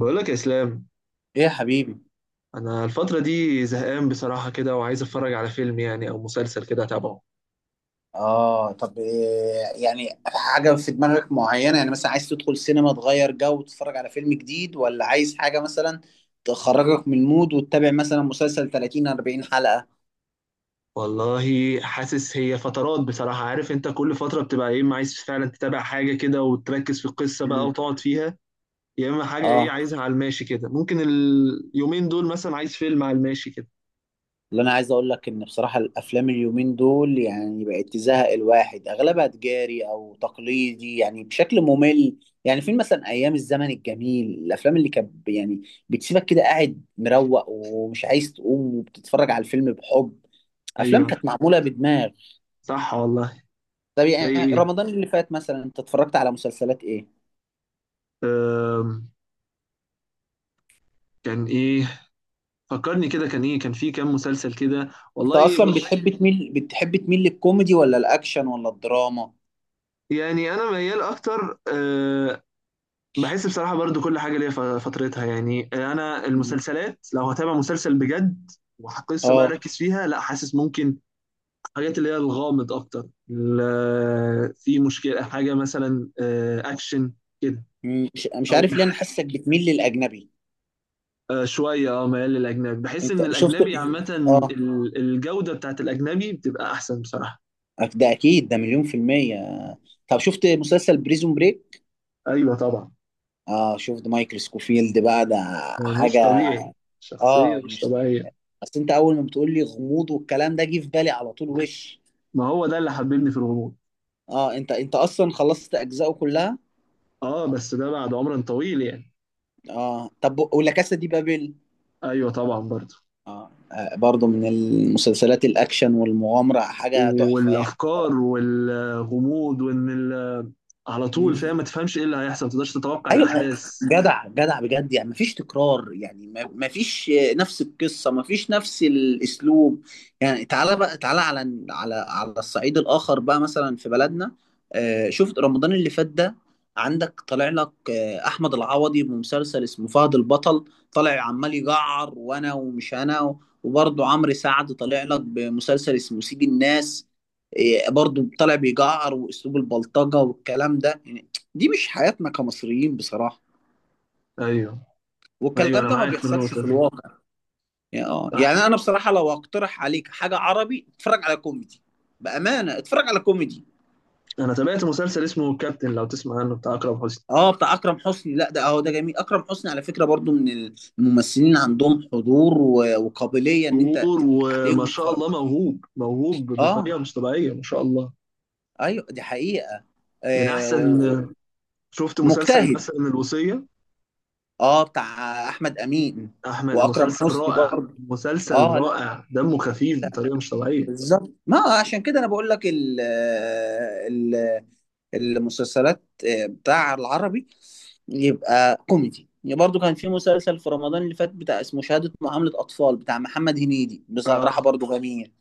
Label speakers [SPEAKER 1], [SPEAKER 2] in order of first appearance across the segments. [SPEAKER 1] بقولك يا إسلام،
[SPEAKER 2] ايه يا حبيبي.
[SPEAKER 1] أنا الفترة دي زهقان بصراحة كده وعايز أتفرج على فيلم يعني أو مسلسل كده أتابعه.
[SPEAKER 2] اه طب إيه يعني؟ حاجة في دماغك معينة؟ يعني مثلا عايز تدخل سينما تغير جو وتتفرج على فيلم جديد، ولا عايز حاجة مثلا تخرجك من المود وتتابع مثلا مسلسل 30 40 حلقة؟
[SPEAKER 1] والله حاسس هي فترات بصراحة، عارف أنت كل فترة بتبقى يا إما عايز فعلا تتابع حاجة كده وتركز في القصة بقى
[SPEAKER 2] مم.
[SPEAKER 1] وتقعد فيها، يا إما حاجة إيه
[SPEAKER 2] اه
[SPEAKER 1] عايزها على الماشي كده. ممكن اليومين دول مثلا عايز فيلم على الماشي كده.
[SPEAKER 2] اللي انا عايز اقول لك ان بصراحة الافلام اليومين دول يعني بقت تزهق الواحد، اغلبها تجاري او تقليدي يعني بشكل ممل. يعني فين مثلا ايام الزمن الجميل؟ الافلام اللي كانت يعني بتسيبك كده قاعد مروق ومش عايز تقوم، وبتتفرج على الفيلم بحب. افلام
[SPEAKER 1] أيوه.
[SPEAKER 2] كانت معموله بدماغ.
[SPEAKER 1] صح والله.
[SPEAKER 2] طب
[SPEAKER 1] زي
[SPEAKER 2] يعني
[SPEAKER 1] إيه؟
[SPEAKER 2] رمضان اللي فات مثلا انت اتفرجت على مسلسلات ايه؟
[SPEAKER 1] أم، كان إيه؟ فكرني كده كان إيه، كان في كام مسلسل كده؟
[SPEAKER 2] انت
[SPEAKER 1] والله
[SPEAKER 2] اصلا
[SPEAKER 1] بص،
[SPEAKER 2] بتحب تميل، بتحب تميل للكوميدي ولا الاكشن ولا الدراما؟
[SPEAKER 1] يعني انا ميال اكتر بحس بصراحة برضو كل حاجة ليها فترتها. يعني أنا
[SPEAKER 2] مم.
[SPEAKER 1] المسلسلات لو هتابع مسلسل بجد وقصة بقى
[SPEAKER 2] اه.
[SPEAKER 1] ركز فيها، لا حاسس ممكن حاجات اللي هي الغامض أكتر، في مشكلة، حاجة مثلا أكشن كده.
[SPEAKER 2] مم. مش
[SPEAKER 1] أو
[SPEAKER 2] عارف ليه انا حاسك بتميل للاجنبي.
[SPEAKER 1] شوية أه ميال للأجنبي، بحس
[SPEAKER 2] انت
[SPEAKER 1] إن
[SPEAKER 2] شفت؟
[SPEAKER 1] الأجنبي عامة
[SPEAKER 2] اه،
[SPEAKER 1] الجودة بتاعت الأجنبي بتبقى أحسن بصراحة.
[SPEAKER 2] ده اكيد، ده مليون في المية. طب شفت مسلسل بريزون بريك؟
[SPEAKER 1] أيوة طبعا.
[SPEAKER 2] اه، شفت مايكل سكوفيلد بقى ده
[SPEAKER 1] مش
[SPEAKER 2] حاجة.
[SPEAKER 1] طبيعي، شخصية
[SPEAKER 2] اه
[SPEAKER 1] مش
[SPEAKER 2] مش،
[SPEAKER 1] طبيعية.
[SPEAKER 2] بس انت اول ما بتقول لي غموض والكلام ده جه في بالي على طول وش.
[SPEAKER 1] ما هو ده اللي حببني في الغموض.
[SPEAKER 2] اه، انت اصلا خلصت اجزائه كلها.
[SPEAKER 1] أه بس ده بعد عمر طويل يعني.
[SPEAKER 2] اه طب ولا كاسا دي بابل؟
[SPEAKER 1] أيوة طبعا برضو.
[SPEAKER 2] اه، برضو من المسلسلات الاكشن والمغامره، حاجه تحفه يعني.
[SPEAKER 1] والافكار والغموض وان على طول
[SPEAKER 2] بصراحه
[SPEAKER 1] فاهم ما تفهمش ايه اللي هيحصل، ما تقدرش تتوقع
[SPEAKER 2] ايوه،
[SPEAKER 1] الاحداث.
[SPEAKER 2] جدع جدع بجد يعني، مفيش تكرار يعني، مفيش نفس القصه، مفيش نفس الاسلوب. يعني تعالى بقى، تعالى على على الصعيد الاخر بقى، مثلا في بلدنا. شفت رمضان اللي فات ده؟ عندك طالع لك احمد العوضي بمسلسل اسمه فهد البطل، طالع عمال يجعر وانا ومش انا. وبرضه عمرو سعد طالع لك بمسلسل اسمه سيد الناس، برضه طالع بيجعر واسلوب البلطجه والكلام ده يعني. دي مش حياتنا كمصريين بصراحة.
[SPEAKER 1] ايوه. ايوه
[SPEAKER 2] والكلام
[SPEAKER 1] انا
[SPEAKER 2] ده ما
[SPEAKER 1] معاك في
[SPEAKER 2] بيحصلش
[SPEAKER 1] النقطه
[SPEAKER 2] في
[SPEAKER 1] دي.
[SPEAKER 2] الواقع. يعني اه،
[SPEAKER 1] صح.
[SPEAKER 2] يعني انا بصراحة لو اقترح عليك حاجة عربي اتفرج على كوميدي. بأمانة اتفرج على كوميدي.
[SPEAKER 1] انا تابعت مسلسل اسمه كابتن، لو تسمع عنه، بتاع اكرم حسني.
[SPEAKER 2] اه، بتاع اكرم حسني. لا ده اهو، ده جميل. اكرم حسني على فكرة برضو من الممثلين عندهم حضور وقابلية ان انت
[SPEAKER 1] دور
[SPEAKER 2] تضحك عليهم
[SPEAKER 1] وما شاء
[SPEAKER 2] وتتفرج.
[SPEAKER 1] الله موهوب موهوب
[SPEAKER 2] اه،
[SPEAKER 1] بطريقه مش طبيعيه ما شاء الله.
[SPEAKER 2] ايوه دي حقيقة.
[SPEAKER 1] من
[SPEAKER 2] آه
[SPEAKER 1] احسن.
[SPEAKER 2] و-
[SPEAKER 1] شفت مسلسل
[SPEAKER 2] مجتهد.
[SPEAKER 1] مثلا الوصيه؟
[SPEAKER 2] اه بتاع احمد امين
[SPEAKER 1] احمد،
[SPEAKER 2] واكرم
[SPEAKER 1] مسلسل
[SPEAKER 2] حسني
[SPEAKER 1] رائع.
[SPEAKER 2] برضو.
[SPEAKER 1] مسلسل
[SPEAKER 2] اه لا،
[SPEAKER 1] رائع، دمه خفيف بطريقه مش طبيعيه.
[SPEAKER 2] بالظبط، ما عشان كده انا بقول لك ال ال المسلسلات بتاع العربي يبقى كوميدي. يعني برضو كان في مسلسل في رمضان اللي فات بتاع اسمه شهادة معاملة أطفال بتاع محمد هنيدي،
[SPEAKER 1] اه.
[SPEAKER 2] بصراحة برضو جميل.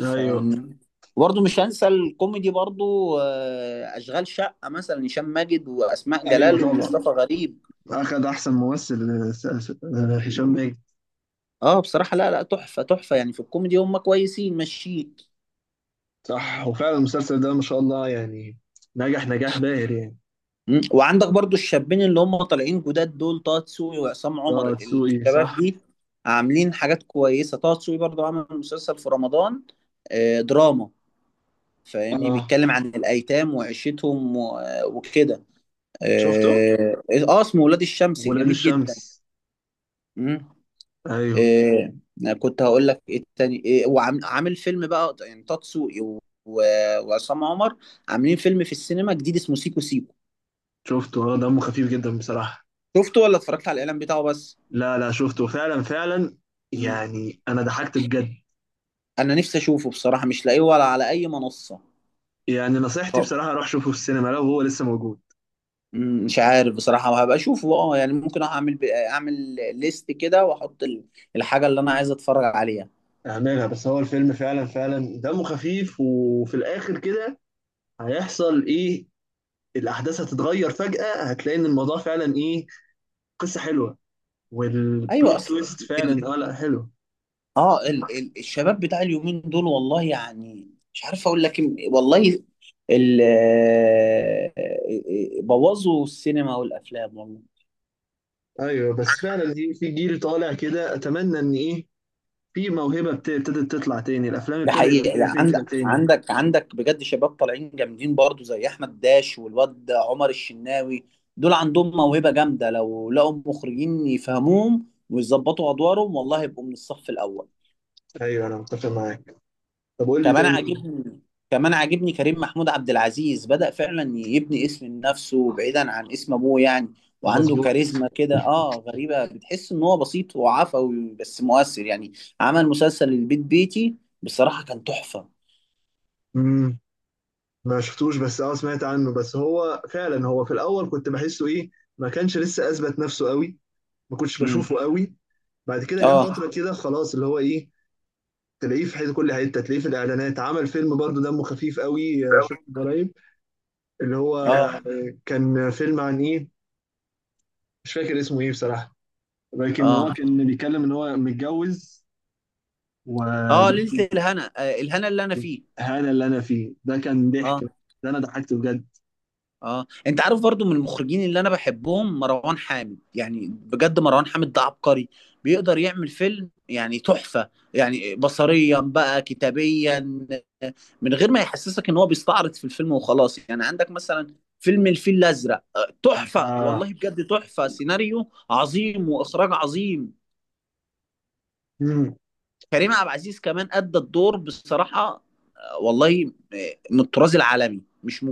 [SPEAKER 1] ايوه.
[SPEAKER 2] فاهمني؟ وبرضو مش هنسى الكوميدي برضو، أشغال شقة مثلا، هشام ماجد وأسماء
[SPEAKER 1] ايوه
[SPEAKER 2] جلال
[SPEAKER 1] طبعا.
[SPEAKER 2] ومصطفى غريب.
[SPEAKER 1] أخد أحسن ممثل هشام ماجد.
[SPEAKER 2] اه بصراحة لا لا، تحفة تحفة يعني، في الكوميدي هم كويسين ماشيين.
[SPEAKER 1] صح، وفعلا المسلسل ده ما شاء الله يعني نجح نجاح باهر يعني.
[SPEAKER 2] مم. وعندك برضو الشابين اللي هم طالعين جداد دول، طه دسوقي وعصام عمر،
[SPEAKER 1] اه دسوقي
[SPEAKER 2] الشباب
[SPEAKER 1] صح.
[SPEAKER 2] دي عاملين حاجات كويسة. طه دسوقي برضو عمل مسلسل في رمضان دراما. فاهمني؟
[SPEAKER 1] اه
[SPEAKER 2] بيتكلم عن الأيتام وعيشتهم وكده.
[SPEAKER 1] شفته،
[SPEAKER 2] اه. اسمه ولاد الشمس،
[SPEAKER 1] ولاد
[SPEAKER 2] جميل جدا.
[SPEAKER 1] الشمس.
[SPEAKER 2] مم.
[SPEAKER 1] ايوه.
[SPEAKER 2] آه. أنا كنت هقول لك ايه التاني، إيه وعامل فيلم بقى يعني؟ طه دسوقي وعصام عمر عاملين فيلم في السينما جديد اسمه سيكو سيكو.
[SPEAKER 1] شفته، اه دمه خفيف جدا بصراحة.
[SPEAKER 2] شفته ولا اتفرجت على الإعلان بتاعه بس؟
[SPEAKER 1] لا لا شفته فعلا فعلا، يعني انا ضحكت بجد.
[SPEAKER 2] انا نفسي اشوفه بصراحه، مش لاقيه ولا على اي منصه.
[SPEAKER 1] يعني نصيحتي بصراحة روح شوفه في السينما لو هو لسه موجود.
[SPEAKER 2] مم، مش عارف بصراحه، وهبقى اشوفه اه يعني. ممكن اعمل اعمل ليست كده واحط الحاجه اللي انا عايز اتفرج عليها.
[SPEAKER 1] اعملها. بس هو الفيلم فعلا فعلا دمه خفيف، وفي الاخر كده هيحصل ايه؟ الاحداث هتتغير فجأة، هتلاقي ان الموضوع فعلا ايه، قصة حلوة.
[SPEAKER 2] ايوه
[SPEAKER 1] والبلوت
[SPEAKER 2] اصل
[SPEAKER 1] تويست
[SPEAKER 2] ال...
[SPEAKER 1] فعلا اه لا حلو.
[SPEAKER 2] اه ال... ال... الشباب بتاع اليومين دول، والله يعني مش عارف اقول لك إيه، والله ال... بوظوا السينما والافلام والله.
[SPEAKER 1] ايوه، بس فعلا في جيل طالع كده، اتمنى ان ايه، في موهبة ابتدت تطلع تاني، الافلام
[SPEAKER 2] ده
[SPEAKER 1] ابتدى يبقى
[SPEAKER 2] حقيقة.
[SPEAKER 1] فيها
[SPEAKER 2] يعني
[SPEAKER 1] فكرة
[SPEAKER 2] عندك،
[SPEAKER 1] تاني.
[SPEAKER 2] عندك بجد شباب طالعين جامدين برضو زي احمد داش والواد عمر الشناوي. دول عندهم موهبة جامدة، لو لقوا مخرجين يفهموهم ويظبطوا ادوارهم والله يبقوا من الصف الاول.
[SPEAKER 1] ايوه انا متفق معاك. طب قول لي
[SPEAKER 2] كمان
[SPEAKER 1] تاني.
[SPEAKER 2] عاجبني، كمان عاجبني كريم محمود عبد العزيز، بدأ فعلا يبني اسم لنفسه بعيدا عن اسم ابوه يعني. وعنده
[SPEAKER 1] مظبوط.
[SPEAKER 2] كاريزما كده غريبة، بتحس ان هو بسيط وعفوي بس مؤثر يعني. عمل مسلسل البيت بيتي، بصراحة كان تحفة.
[SPEAKER 1] امم، ما شفتوش بس اه سمعت عنه. بس هو فعلا هو في الاول كنت بحسه ايه، ما كانش لسه اثبت نفسه قوي، ما كنتش
[SPEAKER 2] امم.
[SPEAKER 1] بشوفه قوي. بعد كده جه
[SPEAKER 2] اه
[SPEAKER 1] فترة كده خلاص اللي هو ايه، تلاقيه في حته، كل حته تلاقيه، في الاعلانات، عمل فيلم برضه دمه خفيف قوي شفته قريب اللي هو،
[SPEAKER 2] اه
[SPEAKER 1] كان فيلم عن ايه، مش فاكر اسمه ايه بصراحة، لكن
[SPEAKER 2] اه
[SPEAKER 1] هو كان بيتكلم ان هو متجوز
[SPEAKER 2] اه،
[SPEAKER 1] وهذا.
[SPEAKER 2] ليلة الهنا، الهنا اللي انا فيه.
[SPEAKER 1] اللي انا فيه ده كان ضحك،
[SPEAKER 2] اه.
[SPEAKER 1] ده انا ضحكت بجد.
[SPEAKER 2] اه انت عارف برضو من المخرجين اللي انا بحبهم مروان حامد. يعني بجد مروان حامد ده عبقري، بيقدر يعمل فيلم يعني تحفة، يعني بصريا بقى كتابيا، آه، من غير ما يحسسك ان هو بيستعرض في الفيلم وخلاص. يعني عندك مثلا فيلم الفيل الازرق، تحفة
[SPEAKER 1] اه.
[SPEAKER 2] والله، بجد تحفة، سيناريو عظيم واخراج عظيم.
[SPEAKER 1] مم.
[SPEAKER 2] كريم عبد العزيز كمان ادى الدور بصراحة، والله من الطراز العالمي، مش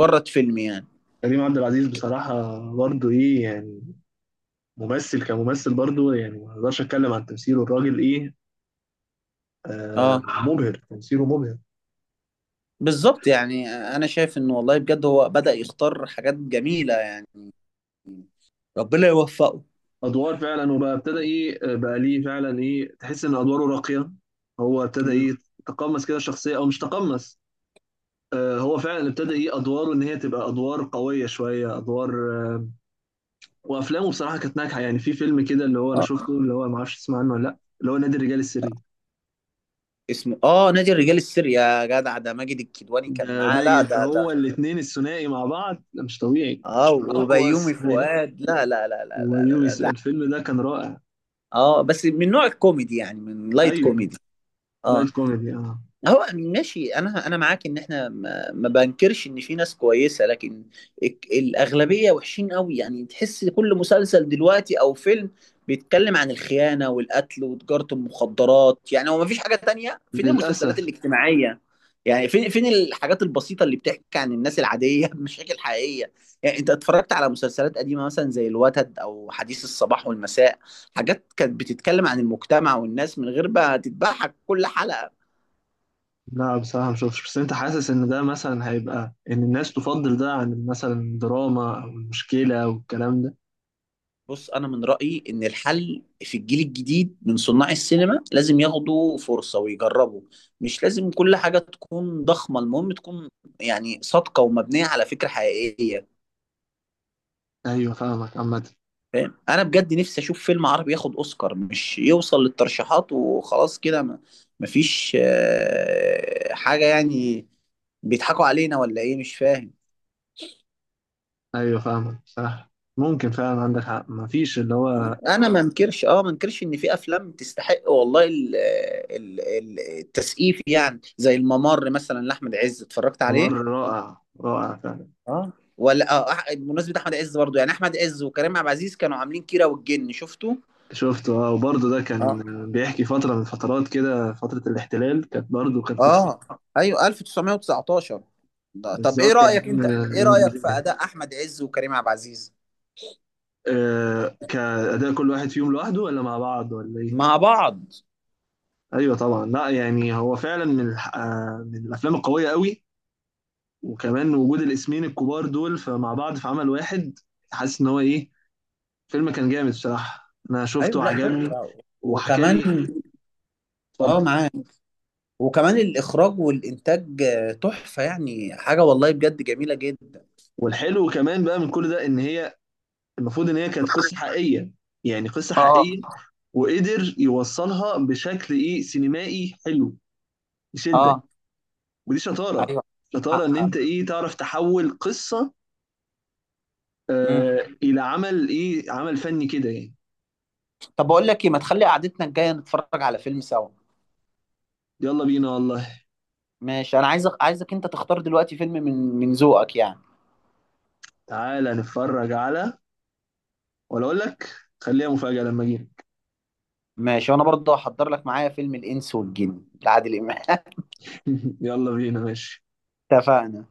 [SPEAKER 2] مجرد فيلم يعني.
[SPEAKER 1] كريم عبد العزيز بصراحة برضه ايه يعني، ممثل كممثل برضه يعني ما اقدرش اتكلم عن تمثيله، الراجل ايه، آه،
[SPEAKER 2] اه
[SPEAKER 1] مبهر، تمثيله مبهر.
[SPEAKER 2] بالظبط، يعني انا شايف انه والله بجد هو بدأ يختار حاجات جميلة يعني. ربنا يوفقه.
[SPEAKER 1] ادوار فعلا، وبقى ابتدى ايه بقى ليه فعلا ايه، تحس ان ادواره راقية. هو ابتدى
[SPEAKER 2] مم.
[SPEAKER 1] ايه، تقمص كده الشخصية او مش تقمص، هو فعلا ابتدى ايه ادواره، ان هي تبقى ادوار قويه، شويه ادوار آه، وافلامه بصراحه كانت ناجحه يعني. في فيلم كده اللي هو انا
[SPEAKER 2] اه
[SPEAKER 1] شفته، اللي هو ما اعرفش تسمع عنه ولا لا، اللي هو نادي الرجال السري.
[SPEAKER 2] اسمه، اه نادي الرجال السري يا جدع ده. ماجد الكدواني كان
[SPEAKER 1] ده
[SPEAKER 2] معاه، لا
[SPEAKER 1] ماجد،
[SPEAKER 2] ده ده،
[SPEAKER 1] هو الاثنين الثنائي مع بعض ده مش طبيعي.
[SPEAKER 2] اه،
[SPEAKER 1] اقوى
[SPEAKER 2] وبيومي
[SPEAKER 1] الثنائي
[SPEAKER 2] فؤاد. لا لا لا لا لا، لا، لا
[SPEAKER 1] ويونس.
[SPEAKER 2] ده.
[SPEAKER 1] الفيلم ده كان رائع.
[SPEAKER 2] اه بس من نوع الكوميدي، يعني من لايت
[SPEAKER 1] ايوه.
[SPEAKER 2] كوميدي. اه
[SPEAKER 1] لايت كوميدي اه.
[SPEAKER 2] هو ماشي. انا معاك ان احنا ما، ما بنكرش ان في ناس كويسه، لكن الاغلبيه وحشين قوي يعني. تحس كل مسلسل دلوقتي او فيلم بيتكلم عن الخيانه والقتل وتجاره المخدرات، يعني هو ما فيش حاجه تانية. فين المسلسلات
[SPEAKER 1] للاسف.
[SPEAKER 2] الاجتماعيه؟ يعني فين الحاجات البسيطه اللي بتحكي عن الناس العاديه بمشاكل حقيقيه. يعني انت اتفرجت على مسلسلات قديمه مثلا زي الوتد او حديث الصباح والمساء؟ حاجات كانت بتتكلم عن المجتمع والناس من غير بقى تتبعها كل حلقه.
[SPEAKER 1] لا بصراحه ما شفتش، بس انت حاسس ان ده مثلا هيبقى ان الناس تفضل ده عن مثلا دراما او مشكله والكلام ده؟
[SPEAKER 2] بص، انا من رايي ان الحل في الجيل الجديد من صناع السينما، لازم ياخدوا فرصه ويجربوا. مش لازم كل حاجه تكون ضخمه، المهم تكون يعني صادقه ومبنيه على فكره حقيقيه.
[SPEAKER 1] ايوه فاهمك عامه.
[SPEAKER 2] فاهم؟ انا بجد نفسي اشوف فيلم عربي ياخد اوسكار، مش يوصل للترشيحات وخلاص كده. ما مفيش حاجه يعني. بيضحكوا علينا ولا ايه مش فاهم.
[SPEAKER 1] ايوه فاهمك صح، ممكن فعلا عندك حق، مفيش اللي هو.
[SPEAKER 2] انا ما انكرش، اه ما انكرش ان في افلام تستحق والله التسقيف، يعني زي الممر مثلا لاحمد عز، اتفرجت
[SPEAKER 1] ممر
[SPEAKER 2] عليه؟
[SPEAKER 1] رائع، رائع فعلا.
[SPEAKER 2] اه، ولا اه بمناسبة احمد عز برضو، يعني احمد عز وكريم عبد العزيز كانوا عاملين كيرة والجن، شفته؟
[SPEAKER 1] شفته اه، وبرضه ده كان
[SPEAKER 2] اه
[SPEAKER 1] بيحكي فترة من فترات كده، فترة الاحتلال، كانت برضه كانت قصة.
[SPEAKER 2] اه ايوه، 1919 ده. طب ايه
[SPEAKER 1] بالظبط يعني.
[SPEAKER 2] رأيك؟ انت ايه رأيك في
[SPEAKER 1] الإنجليزية.
[SPEAKER 2] اداء احمد عز وكريم عبد العزيز
[SPEAKER 1] آه، كأداء كل واحد فيهم لوحده ولا مع بعض ولا إيه؟
[SPEAKER 2] مع بعض؟
[SPEAKER 1] أيوه طبعا، لا يعني هو فعلا من من الأفلام القوية قوي. وكمان وجود الاسمين الكبار دول فمع بعض في عمل واحد، حاسس إن هو إيه، فيلم كان جامد الصراحة، أنا شفته
[SPEAKER 2] ايوه لا
[SPEAKER 1] وعجبني.
[SPEAKER 2] تحفه.
[SPEAKER 1] وحكى
[SPEAKER 2] وكمان،
[SPEAKER 1] لي.
[SPEAKER 2] اه
[SPEAKER 1] اتفضل.
[SPEAKER 2] معاك. وكمان الإخراج والإنتاج تحفة يعني، حاجة والله بجد جميلة جدا.
[SPEAKER 1] والحلو كمان بقى من كل ده إن هي المفروض إن هي كانت قصة حقيقية، يعني قصة
[SPEAKER 2] اه
[SPEAKER 1] حقيقية، وقدر يوصلها بشكل إيه سينمائي حلو، يشدك.
[SPEAKER 2] اه
[SPEAKER 1] ودي شطارة،
[SPEAKER 2] ايوه.
[SPEAKER 1] شطارة إن
[SPEAKER 2] آه.
[SPEAKER 1] أنت إيه تعرف تحول قصة
[SPEAKER 2] مم.
[SPEAKER 1] آه إلى عمل إيه، عمل فني كده يعني.
[SPEAKER 2] طب بقول لك ايه، ما تخلي قعدتنا الجايه نتفرج على فيلم سوا.
[SPEAKER 1] يلا بينا والله.
[SPEAKER 2] ماشي، انا عايزك، عايزك انت تختار دلوقتي فيلم من، من ذوقك يعني.
[SPEAKER 1] تعالى نتفرج على، ولا أقول لك، خليها مفاجأة لما أجي.
[SPEAKER 2] ماشي، وانا برضه هحضر لك معايا فيلم الانس والجن لعادل امام
[SPEAKER 1] يلا بينا ماشي.
[SPEAKER 2] اتفقنا.